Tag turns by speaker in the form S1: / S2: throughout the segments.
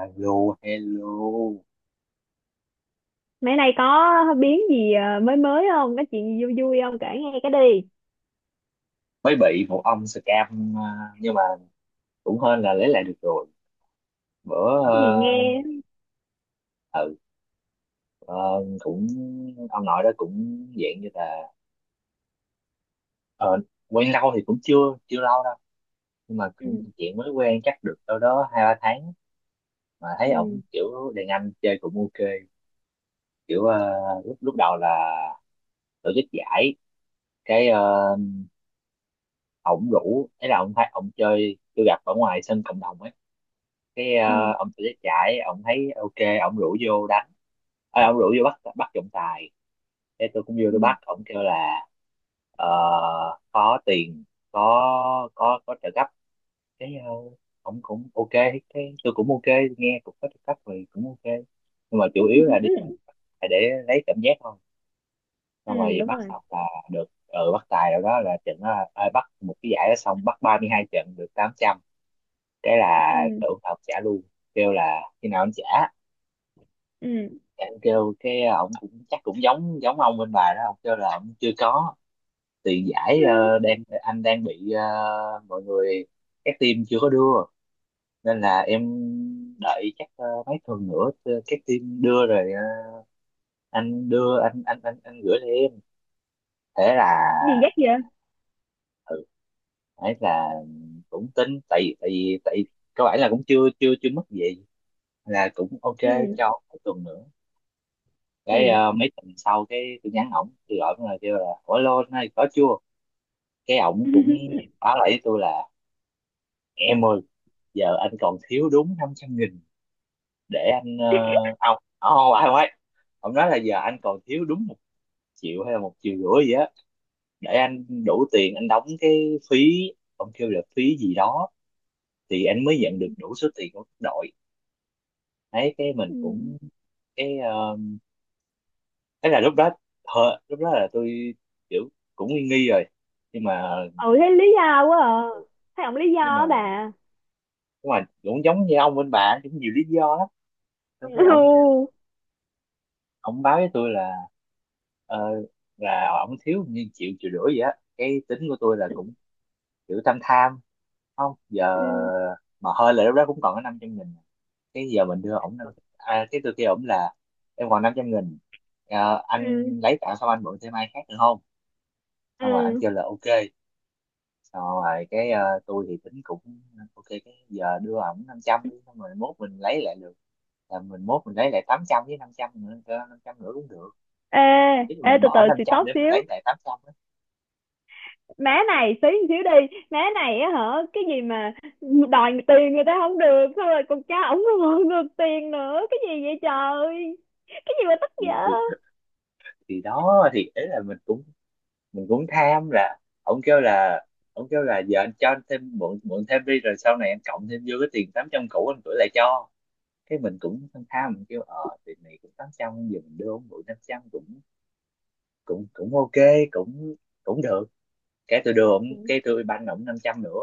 S1: Alo, hello.
S2: Mấy nay có biến gì mới mới không? Có chuyện gì vui vui không? Kể nghe cái đi.
S1: Mới bị một ông scam à, nhưng mà cũng hên là lấy lại được rồi. Bữa
S2: Cái gì nghe?
S1: ờ, ừ ờ, cũng ông nội đó cũng dạng như là ờ, quen lâu thì cũng chưa chưa lâu đâu, nhưng mà cũng
S2: Ừ,
S1: chuyện mới quen chắc được đâu đó hai ba tháng mà thấy ổng
S2: ừ,
S1: kiểu đàn anh chơi cũng ok. Kiểu lúc lúc đầu là tổ chức giải, cái ờ, ổng rủ ấy là ổng thấy ổng chơi tôi gặp ở ngoài sân cộng đồng ấy,
S2: ừ,
S1: ông tôi chạy ông thấy ok ông rủ vô đánh. Ông rủ vô bắt bắt trọng tài, thế tôi cũng vô tôi
S2: ừ,
S1: bắt, ông kêu là ờ, có tiền, có trợ cấp. Cái ông cũng ok, cái tôi cũng ok, nghe cũng có trợ cấp thì cũng ok, nhưng mà chủ yếu là đi
S2: ừ,
S1: lại để lấy cảm giác thôi. Xong
S2: ừ,
S1: rồi
S2: đúng
S1: bắt
S2: rồi.
S1: xong là được, bắt tài rồi đó, là trận đó bắt một cái giải đó xong bắt 32 trận được 800. Cái là
S2: Ừ,
S1: tưởng là ông trả luôn, kêu là khi nào anh trả
S2: ừ,
S1: em, kêu ông cũng chắc cũng giống giống ông bên bà đó, ông kêu là ông chưa có tiền
S2: ừ.
S1: giải, ờ, đang anh đang bị, mọi người các team chưa có đưa nên là em đợi chắc mấy tuần nữa, các team đưa rồi anh đưa, anh gửi cho em. Thế là
S2: Gì dắt vậy?
S1: ừ ấy là cũng tính, tại tại vì cơ bản là cũng chưa chưa chưa mất gì là cũng ok,
S2: Ừ,
S1: cho mấy tuần nữa.
S2: ừ.
S1: Mấy tuần sau cái tôi nhắn ổng, tôi gọi ổng là kêu là ủa lô này có chưa. Cái ổng cũng báo lại với tôi là em ơi, giờ anh còn thiếu đúng 500.000 để anh, ông, oh, ai ấy ông nói là giờ anh còn thiếu đúng 1 triệu hay là 1,5 triệu gì á để anh đủ tiền anh đóng cái phí, ông kêu là phí gì đó thì anh mới nhận được đủ số tiền của đội ấy. Cái mình
S2: Ừ,
S1: cũng, cái thế là lúc đó, lúc đó là tôi kiểu cũng nghi nghi rồi, nhưng mà
S2: ừ, thấy lý do quá à.
S1: ừ,
S2: Thấy ổng lý do
S1: nhưng mà
S2: á bà.
S1: nhưng mà cũng giống như ông bên bà cũng nhiều lý do lắm. Xong cái ông
S2: Ừ,
S1: ông báo với tôi là ờ, là ổng thiếu như triệu triệu rưỡi vậy á. Cái tính của tôi là cũng kiểu tham tham, không giờ
S2: ừ,
S1: mà hơi là lúc đó cũng còn có 500.000, cái giờ mình đưa ổng cái tôi kêu ổng là em còn 500.000. Ờ,
S2: ừ,
S1: anh lấy tạm xong anh mượn thêm ai khác được không. Xong rồi anh
S2: ừ.
S1: kêu là ok, xong rồi tôi thì tính cũng ok, cái giờ đưa ổng 500 đi xong rồi mốt mình lấy lại được, là mình mốt mình lấy lại 800 với 500 nữa. Năm trăm nữa cũng được,
S2: Ê,
S1: chứ
S2: ê,
S1: mình
S2: từ từ
S1: bỏ năm
S2: xì
S1: trăm
S2: tóc
S1: để mình
S2: xíu.
S1: lấy lại 800 á.
S2: Má này xí xíu đi má này, á hả, cái gì mà đòi tiền người ta không được, xong rồi còn cha ổng còn ngược tiền nữa, cái gì vậy trời, cái gì mà tức dở.
S1: Thì, thì thì đó, thì ấy là mình cũng tham là. Ông kêu là ông kêu là giờ anh cho anh thêm mượn mượn thêm đi, rồi sau này anh cộng thêm vô cái tiền 800 cũ anh gửi lại cho. Cái mình cũng tham tham, mình kêu tiền này cũng 800 giờ mình đưa ông mượn 500 cũng cũng cũng ok, cũng cũng được. Cái tôi đưa ông,
S2: Ừ.
S1: cái tôi ban ổng 500 nữa.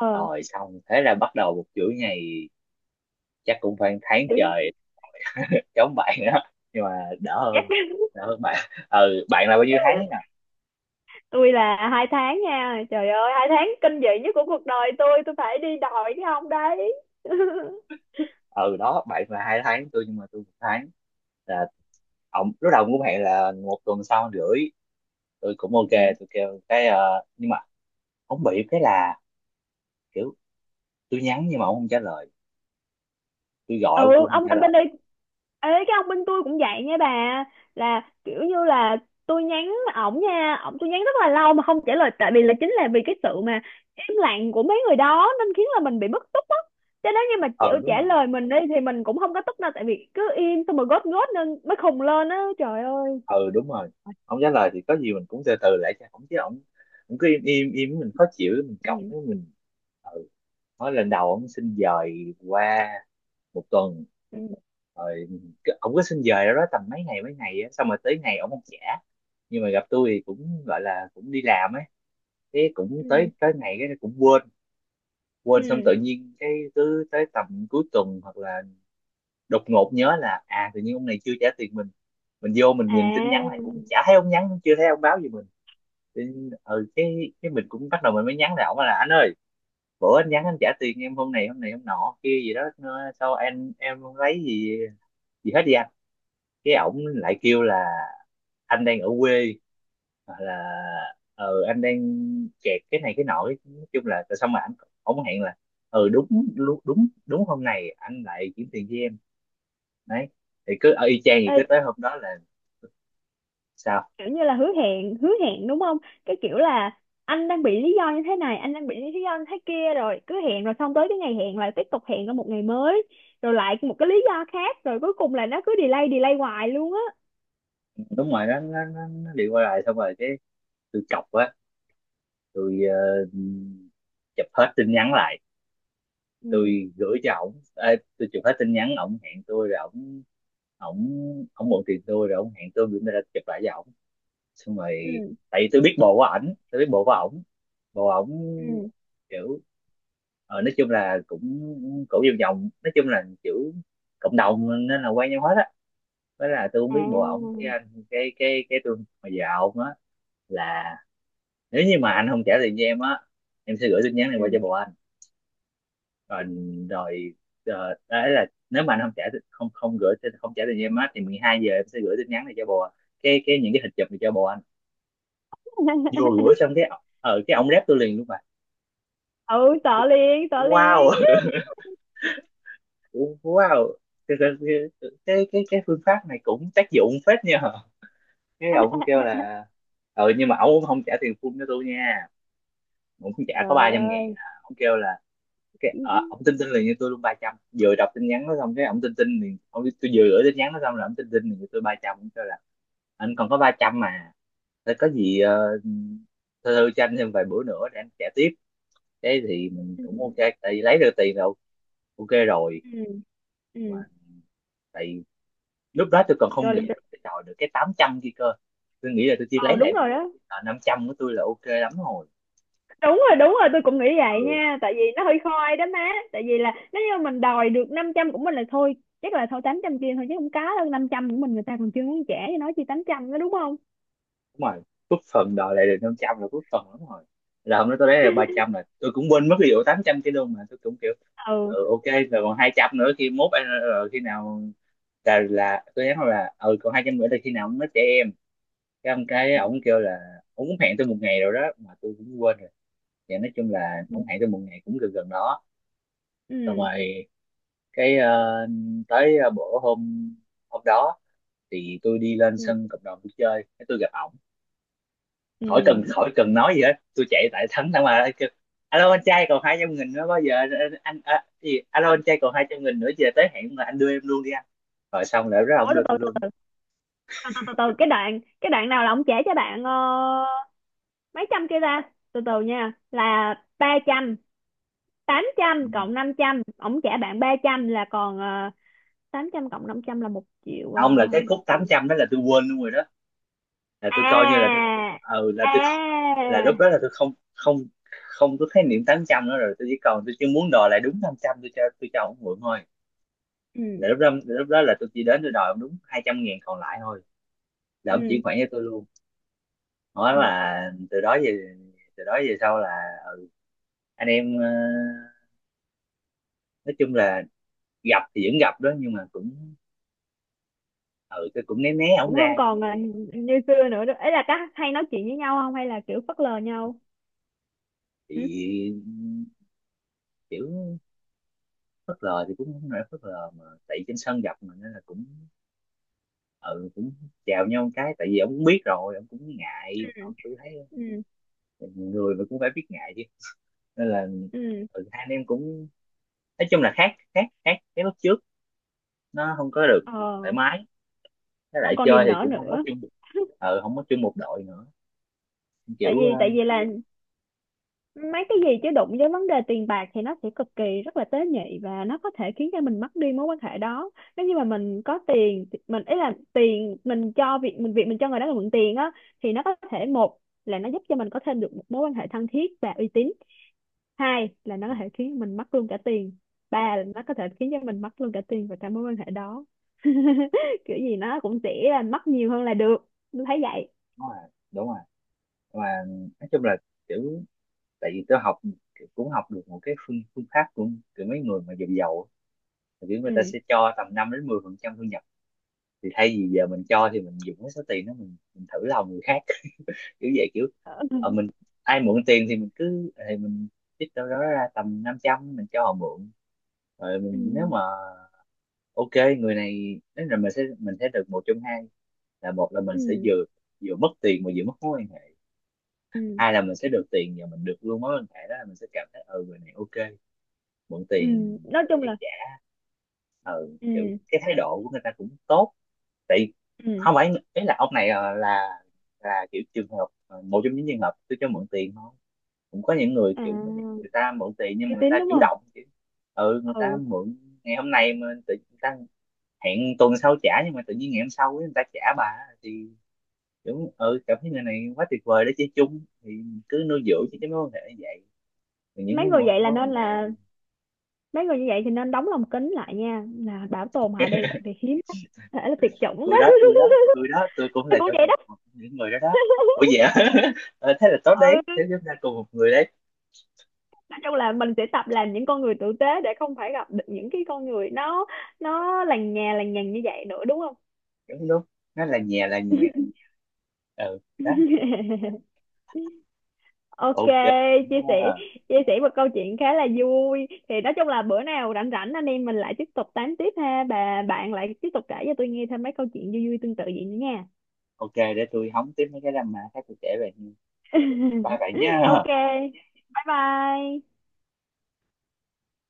S2: ờ
S1: Rồi xong thế là bắt đầu một chuỗi ngày chắc cũng phải một tháng
S2: Tiếng.
S1: trời Giống bạn đó nhưng mà đỡ
S2: Chắc.
S1: hơn, đỡ hơn bạn. Ừ, bạn là bao nhiêu tháng nè.
S2: Tôi là 2 tháng nha, trời ơi, 2 tháng kinh dị nhất của cuộc đời Tôi phải đi đòi cái ông đấy.
S1: Ừ đó, bạn là 2 tháng tôi nhưng mà tôi 1 tháng, là ông lúc đầu cũng hẹn là 1 tuần sau một rưỡi, tôi cũng ok.
S2: Ừ.
S1: Tôi kêu nhưng mà ông bị cái là kiểu tôi nhắn nhưng mà ông không trả lời, tôi gọi
S2: Ừ,
S1: ông cũng không
S2: ông
S1: trả
S2: anh bên
S1: lời.
S2: đây, ấy cái ông bên tôi cũng vậy nha bà, là kiểu như là tôi nhắn ổng nha, ổng tôi nhắn rất là lâu mà không trả lời, tại vì là chính là vì cái sự mà im lặng của mấy người đó nên khiến là mình bị bức xúc á. Cho nên như mà chịu
S1: Ừ, đúng
S2: trả
S1: rồi.
S2: lời mình đi thì mình cũng không có tức đâu, tại vì cứ im xong rồi gót gót nên mới khùng lên á, trời ơi.
S1: Ừ, đúng rồi. Ông trả lời thì có gì mình cũng từ từ lại cho ông chứ, ông cũng cứ im im im mình khó chịu mình cọc
S2: Ừ,
S1: với mình. Ừ, nói lần đầu ông xin dời qua 1 tuần
S2: ừ,
S1: rồi ổng cứ xin về đó tầm mấy ngày á, xong rồi tới ngày ổng không trả. Nhưng mà gặp tôi thì cũng gọi là cũng đi làm ấy, thế cũng
S2: ừ,
S1: tới tới ngày cái cũng quên quên xong.
S2: ừ,
S1: Tự nhiên cái cứ tới tầm cuối tuần hoặc là đột ngột nhớ là à tự nhiên ông này chưa trả tiền mình vô mình nhìn tin nhắn này
S2: à,
S1: cũng chả thấy ông nhắn, cũng chưa thấy ông báo gì mình. Thì, cái mình cũng bắt đầu mình mới nhắn lại ổng là anh ơi, bữa anh nhắn anh trả tiền em hôm này hôm này hôm nọ kia gì đó sao anh em không lấy gì gì hết đi anh. Cái ổng lại kêu là anh đang ở quê hoặc là ừ anh đang kẹt cái này cái nọ, nói chung là tại sao mà anh, ổng hẹn là ừ đúng đúng đúng hôm này anh lại chuyển tiền cho em đấy. Thì cứ ở y chang thì
S2: ê,
S1: cứ tới hôm đó là sao.
S2: kiểu như là hứa hẹn đúng không, cái kiểu là anh đang bị lý do như thế này, anh đang bị lý do như thế kia, rồi cứ hẹn, rồi xong tới cái ngày hẹn lại tiếp tục hẹn ở một ngày mới, rồi lại một cái lý do khác, rồi cuối cùng là nó cứ delay delay hoài luôn á.
S1: Đúng rồi, nó đi qua lại. Xong rồi cái tôi chọc á, tôi chụp hết tin nhắn lại
S2: Ừ,
S1: tôi gửi cho ổng. Ê, tôi chụp hết tin nhắn ổng hẹn tôi rồi ổng ổng ổng mượn tiền tôi rồi ổng hẹn tôi gửi ra chụp lại cho ổng xong
S2: ừ,
S1: rồi, tại vì tôi biết bộ của ảnh, tôi biết bộ của ổng. Bộ ổng
S2: ừ,
S1: kiểu nói chung là cũng cổ vòng vòng, nói chung là kiểu cộng đồng nên là quen nhau hết á. Với là tôi không biết bộ ổng
S2: à,
S1: cái anh cái tôi mà dạo ổng á, là nếu như mà anh không trả tiền cho em á, em sẽ gửi tin nhắn này qua
S2: ừ.
S1: cho bộ anh. Còn rồi, đấy là nếu mà anh không trả không không gửi không trả tiền cho em á thì 12 giờ em sẽ gửi tin nhắn này cho bộ, cái những cái hình chụp này cho bộ anh. Vừa gửi xong cái ở cái ông rep tôi liền luôn mà.
S2: Ừ,
S1: Tôi
S2: sợ
S1: kêu,
S2: liền sợ
S1: wow.
S2: liền.
S1: Wow. Cái cái cái, cái phương pháp này cũng tác dụng phết nha. Cái ông kêu là ừ nhưng mà ông không trả tiền full cho tôi nha, ông không trả có ba
S2: Trời
S1: trăm ngàn
S2: ơi.
S1: à. Ông kêu là
S2: Ừ,
S1: ông tin tin liền cho tôi luôn 300 vừa đọc tin nhắn nó xong. Cái ông tin tin liền, ông tôi vừa gửi tin nhắn nó xong là ông tin tin liền cho tôi 300, ông kêu là anh còn có 300 mà. Thế có gì thư thư cho anh thêm vài bữa nữa để anh trả tiếp. Thế thì mình cũng ok, tại vì lấy được tiền rồi, ok rồi.
S2: ừ,
S1: Mà
S2: ừ.
S1: tại lúc đó tôi còn không
S2: rồi
S1: nghĩ
S2: rồi-
S1: tôi đòi được cái 800 kia cơ. Tôi nghĩ là tôi chỉ
S2: Ờ,
S1: lấy
S2: đúng
S1: lại được,
S2: rồi đó.
S1: 500 của tôi là ok lắm rồi.
S2: Đúng rồi, đúng rồi, tôi cũng nghĩ vậy
S1: Ừ
S2: nha, tại vì nó hơi khoai đó má. Tại vì là nếu như mình đòi được 500 của mình là thôi, chắc là thôi 800 chia thôi chứ không có đâu, 500 của mình người ta còn chưa muốn trả cho nó chi 800 đó, đúng không?
S1: đúng rồi, cúp phần đòi lại được 500 là cúp phần lắm rồi, là hôm đó tôi lấy được ba trăm là tôi cũng quên mất cái vụ 800 kia luôn, mà tôi cũng kiểu
S2: Ừ,
S1: ừ, ok. Rồi còn 200 nữa khi mốt anh khi nào, là tôi nhắn là ừ còn 200 nữa là khi nào nó trẻ em. Cái ông kêu là ông cũng hẹn tôi một ngày rồi đó mà tôi cũng quên. Thì nói chung là
S2: ừ,
S1: ông hẹn tôi một ngày cũng gần gần đó. Xong
S2: ừ,
S1: rồi cái ờ, tới bữa hôm hôm đó thì tôi đi lên
S2: ừ,
S1: sân cộng đồng tôi chơi cái tôi gặp ổng.
S2: ừ.
S1: Khỏi cần khỏi cần nói gì hết, tôi chạy tại thẳng mà kêu, alo anh trai còn 200.000 nữa bao giờ Ờ, anh à, gì alo anh trai còn hai trăm nghìn nữa giờ tới hẹn mà anh đưa em luôn đi anh. Rồi xong rồi đó
S2: Ủa,
S1: ông
S2: từ
S1: đưa tôi
S2: từ
S1: luôn.
S2: từ từ từ từ từ, cái đoạn nào là ông trả cho bạn mấy trăm kia ta, từ từ nha, là 300, tám
S1: Ừ.
S2: trăm cộng 500 ông trả bạn 300 là còn 800 cộng 500 là 1 triệu,
S1: Ông là cái khúc
S2: 1 triệu.
S1: 800 đó là tôi quên luôn rồi đó, là tôi coi như là
S2: À,
S1: là tôi không,
S2: à,
S1: là lúc đó là tôi không không không có khái niệm 800 nữa rồi. Tôi chỉ còn tôi chỉ muốn đòi lại đúng 500 tôi cho ông mượn thôi.
S2: ừ,
S1: Là lúc đó là tôi chỉ đến tôi đòi ông đúng 200.000 còn lại thôi là ông
S2: ừ,
S1: chuyển khoản cho tôi luôn, nói
S2: ừ,
S1: là. Từ đó về, từ đó về sau là ờ, anh em nói chung là gặp thì vẫn gặp đó nhưng mà cũng ừ tôi cũng né né ổng
S2: cũng không
S1: ra.
S2: còn là như xưa nữa đâu, ấy là các hay nói chuyện với nhau không hay là kiểu phớt lờ nhau. Ừ,
S1: Thì kiểu phớt lờ thì cũng không phải phớt lờ mà tại trên sân gặp mà nên là cũng ừ cũng chào nhau. Cái tại vì ông cũng biết rồi ông cũng
S2: ừ,
S1: ngại, ông tôi thấy ông cũng,
S2: ừ,
S1: người mà cũng phải biết ngại chứ. Nên là
S2: ừ,
S1: ừ, hai anh em cũng nói chung là khác khác khác cái lúc trước, nó không có được thoải
S2: ờ,
S1: mái. Với lại
S2: không còn
S1: chơi
S2: niềm
S1: thì
S2: nở
S1: cũng không có
S2: nữa.
S1: chung, không có chung một đội nữa.
S2: tại
S1: Kiểu
S2: vì tại vì là
S1: cứ
S2: mấy cái gì chứ đụng với vấn đề tiền bạc thì nó sẽ cực kỳ rất là tế nhị, và nó có thể khiến cho mình mất đi mối quan hệ đó. Nếu như mà mình có tiền mình ý là tiền mình cho việc mình cho người đó là mượn tiền á, thì nó có thể, một là nó giúp cho mình có thêm được một mối quan hệ thân thiết và uy tín, hai là nó
S1: ừ,
S2: có thể khiến mình mất luôn cả tiền, ba là nó có thể khiến cho mình mất luôn cả tiền và cả mối quan hệ đó. Kiểu gì nó cũng sẽ là mất nhiều hơn là được, tôi thấy vậy.
S1: đúng rồi đúng rồi. Mà nói chung là kiểu, tại vì tôi học cũng học được một cái phương phương pháp của mấy người mà giàu giàu thì kiểu người ta
S2: Ừ.
S1: sẽ cho tầm 5 đến 10% thu. Thì thay vì giờ mình cho thì mình dùng cái số tiền đó mình thử lòng người khác, kiểu vậy kiểu mình ai mượn tiền thì mình cứ thì mình trích đâu đó ra tầm 500 mình cho họ mượn rồi
S2: Ừ,
S1: mình. Nếu mà ok người này đến là mình sẽ được một trong hai, là một là mình sẽ
S2: ừ,
S1: vừa vừa mất tiền mà vừa mất mối quan hệ,
S2: ừ,
S1: hai là mình sẽ được tiền và mình được luôn mối quan hệ đó, là mình sẽ cảm thấy ừ người này ok mượn
S2: ừ.
S1: tiền
S2: Nói
S1: để
S2: chung
S1: giấc
S2: là
S1: trả. Ừ kiểu,
S2: ừ,
S1: cái thái độ của người ta cũng tốt. Tại
S2: ừ,
S1: không phải ý là ông này là kiểu trường hợp một trong những trường hợp tôi cho mượn tiền thôi. Cũng có những người kiểu người
S2: à,
S1: ta mượn tiền nhưng mà
S2: uy
S1: người
S2: tín
S1: ta
S2: đúng
S1: chủ
S2: không?
S1: động chứ. Ừ, người ta
S2: Ừ.
S1: mượn ngày hôm nay mà tự người ta hẹn tuần sau trả nhưng mà tự nhiên ngày hôm sau ấy, người ta trả bà. Thì kiểu ừ cảm thấy người này quá tuyệt vời để chơi chung thì cứ nuôi
S2: Ừ.
S1: dưỡng chứ cái mối quan hệ như vậy. Thì những
S2: Mấy
S1: mối
S2: người
S1: mối
S2: vậy là
S1: mối
S2: nên
S1: quan hệ,
S2: là mấy người như vậy thì nên đóng lồng kính lại nha, là bảo tồn họ đi tại vì hiếm lắm, thể là tuyệt chủng đó.
S1: tôi đó tôi đó tôi đó tôi cũng
S2: Tôi
S1: là
S2: cũng
S1: trong
S2: vậy
S1: một,
S2: đó.
S1: một những người đó đó. Ủa vậy hả? Ờ, thế là tốt
S2: Ừ,
S1: đấy, thế chúng ta cùng một người đấy.
S2: nói chung là mình sẽ tập làm những con người tử tế để không phải gặp được những cái con người nó lằng nhà lằng nhằng như vậy nữa đúng không?
S1: Đúng đúng, nó là nhà là nhà. Ừ đó.
S2: Ok,
S1: Ok
S2: chia
S1: cũng,
S2: sẻ chia sẻ một câu chuyện khá là vui. Thì nói chung là bữa nào rảnh rảnh anh em mình lại tiếp tục tám tiếp ha. Bà bạn lại tiếp tục kể cho tôi nghe thêm mấy câu chuyện vui vui tương tự vậy nữa nha.
S1: ok, để tôi hóng tiếp mấy cái drama khác tôi kể về. Bye bye
S2: Ok,
S1: nhá.
S2: bye bye.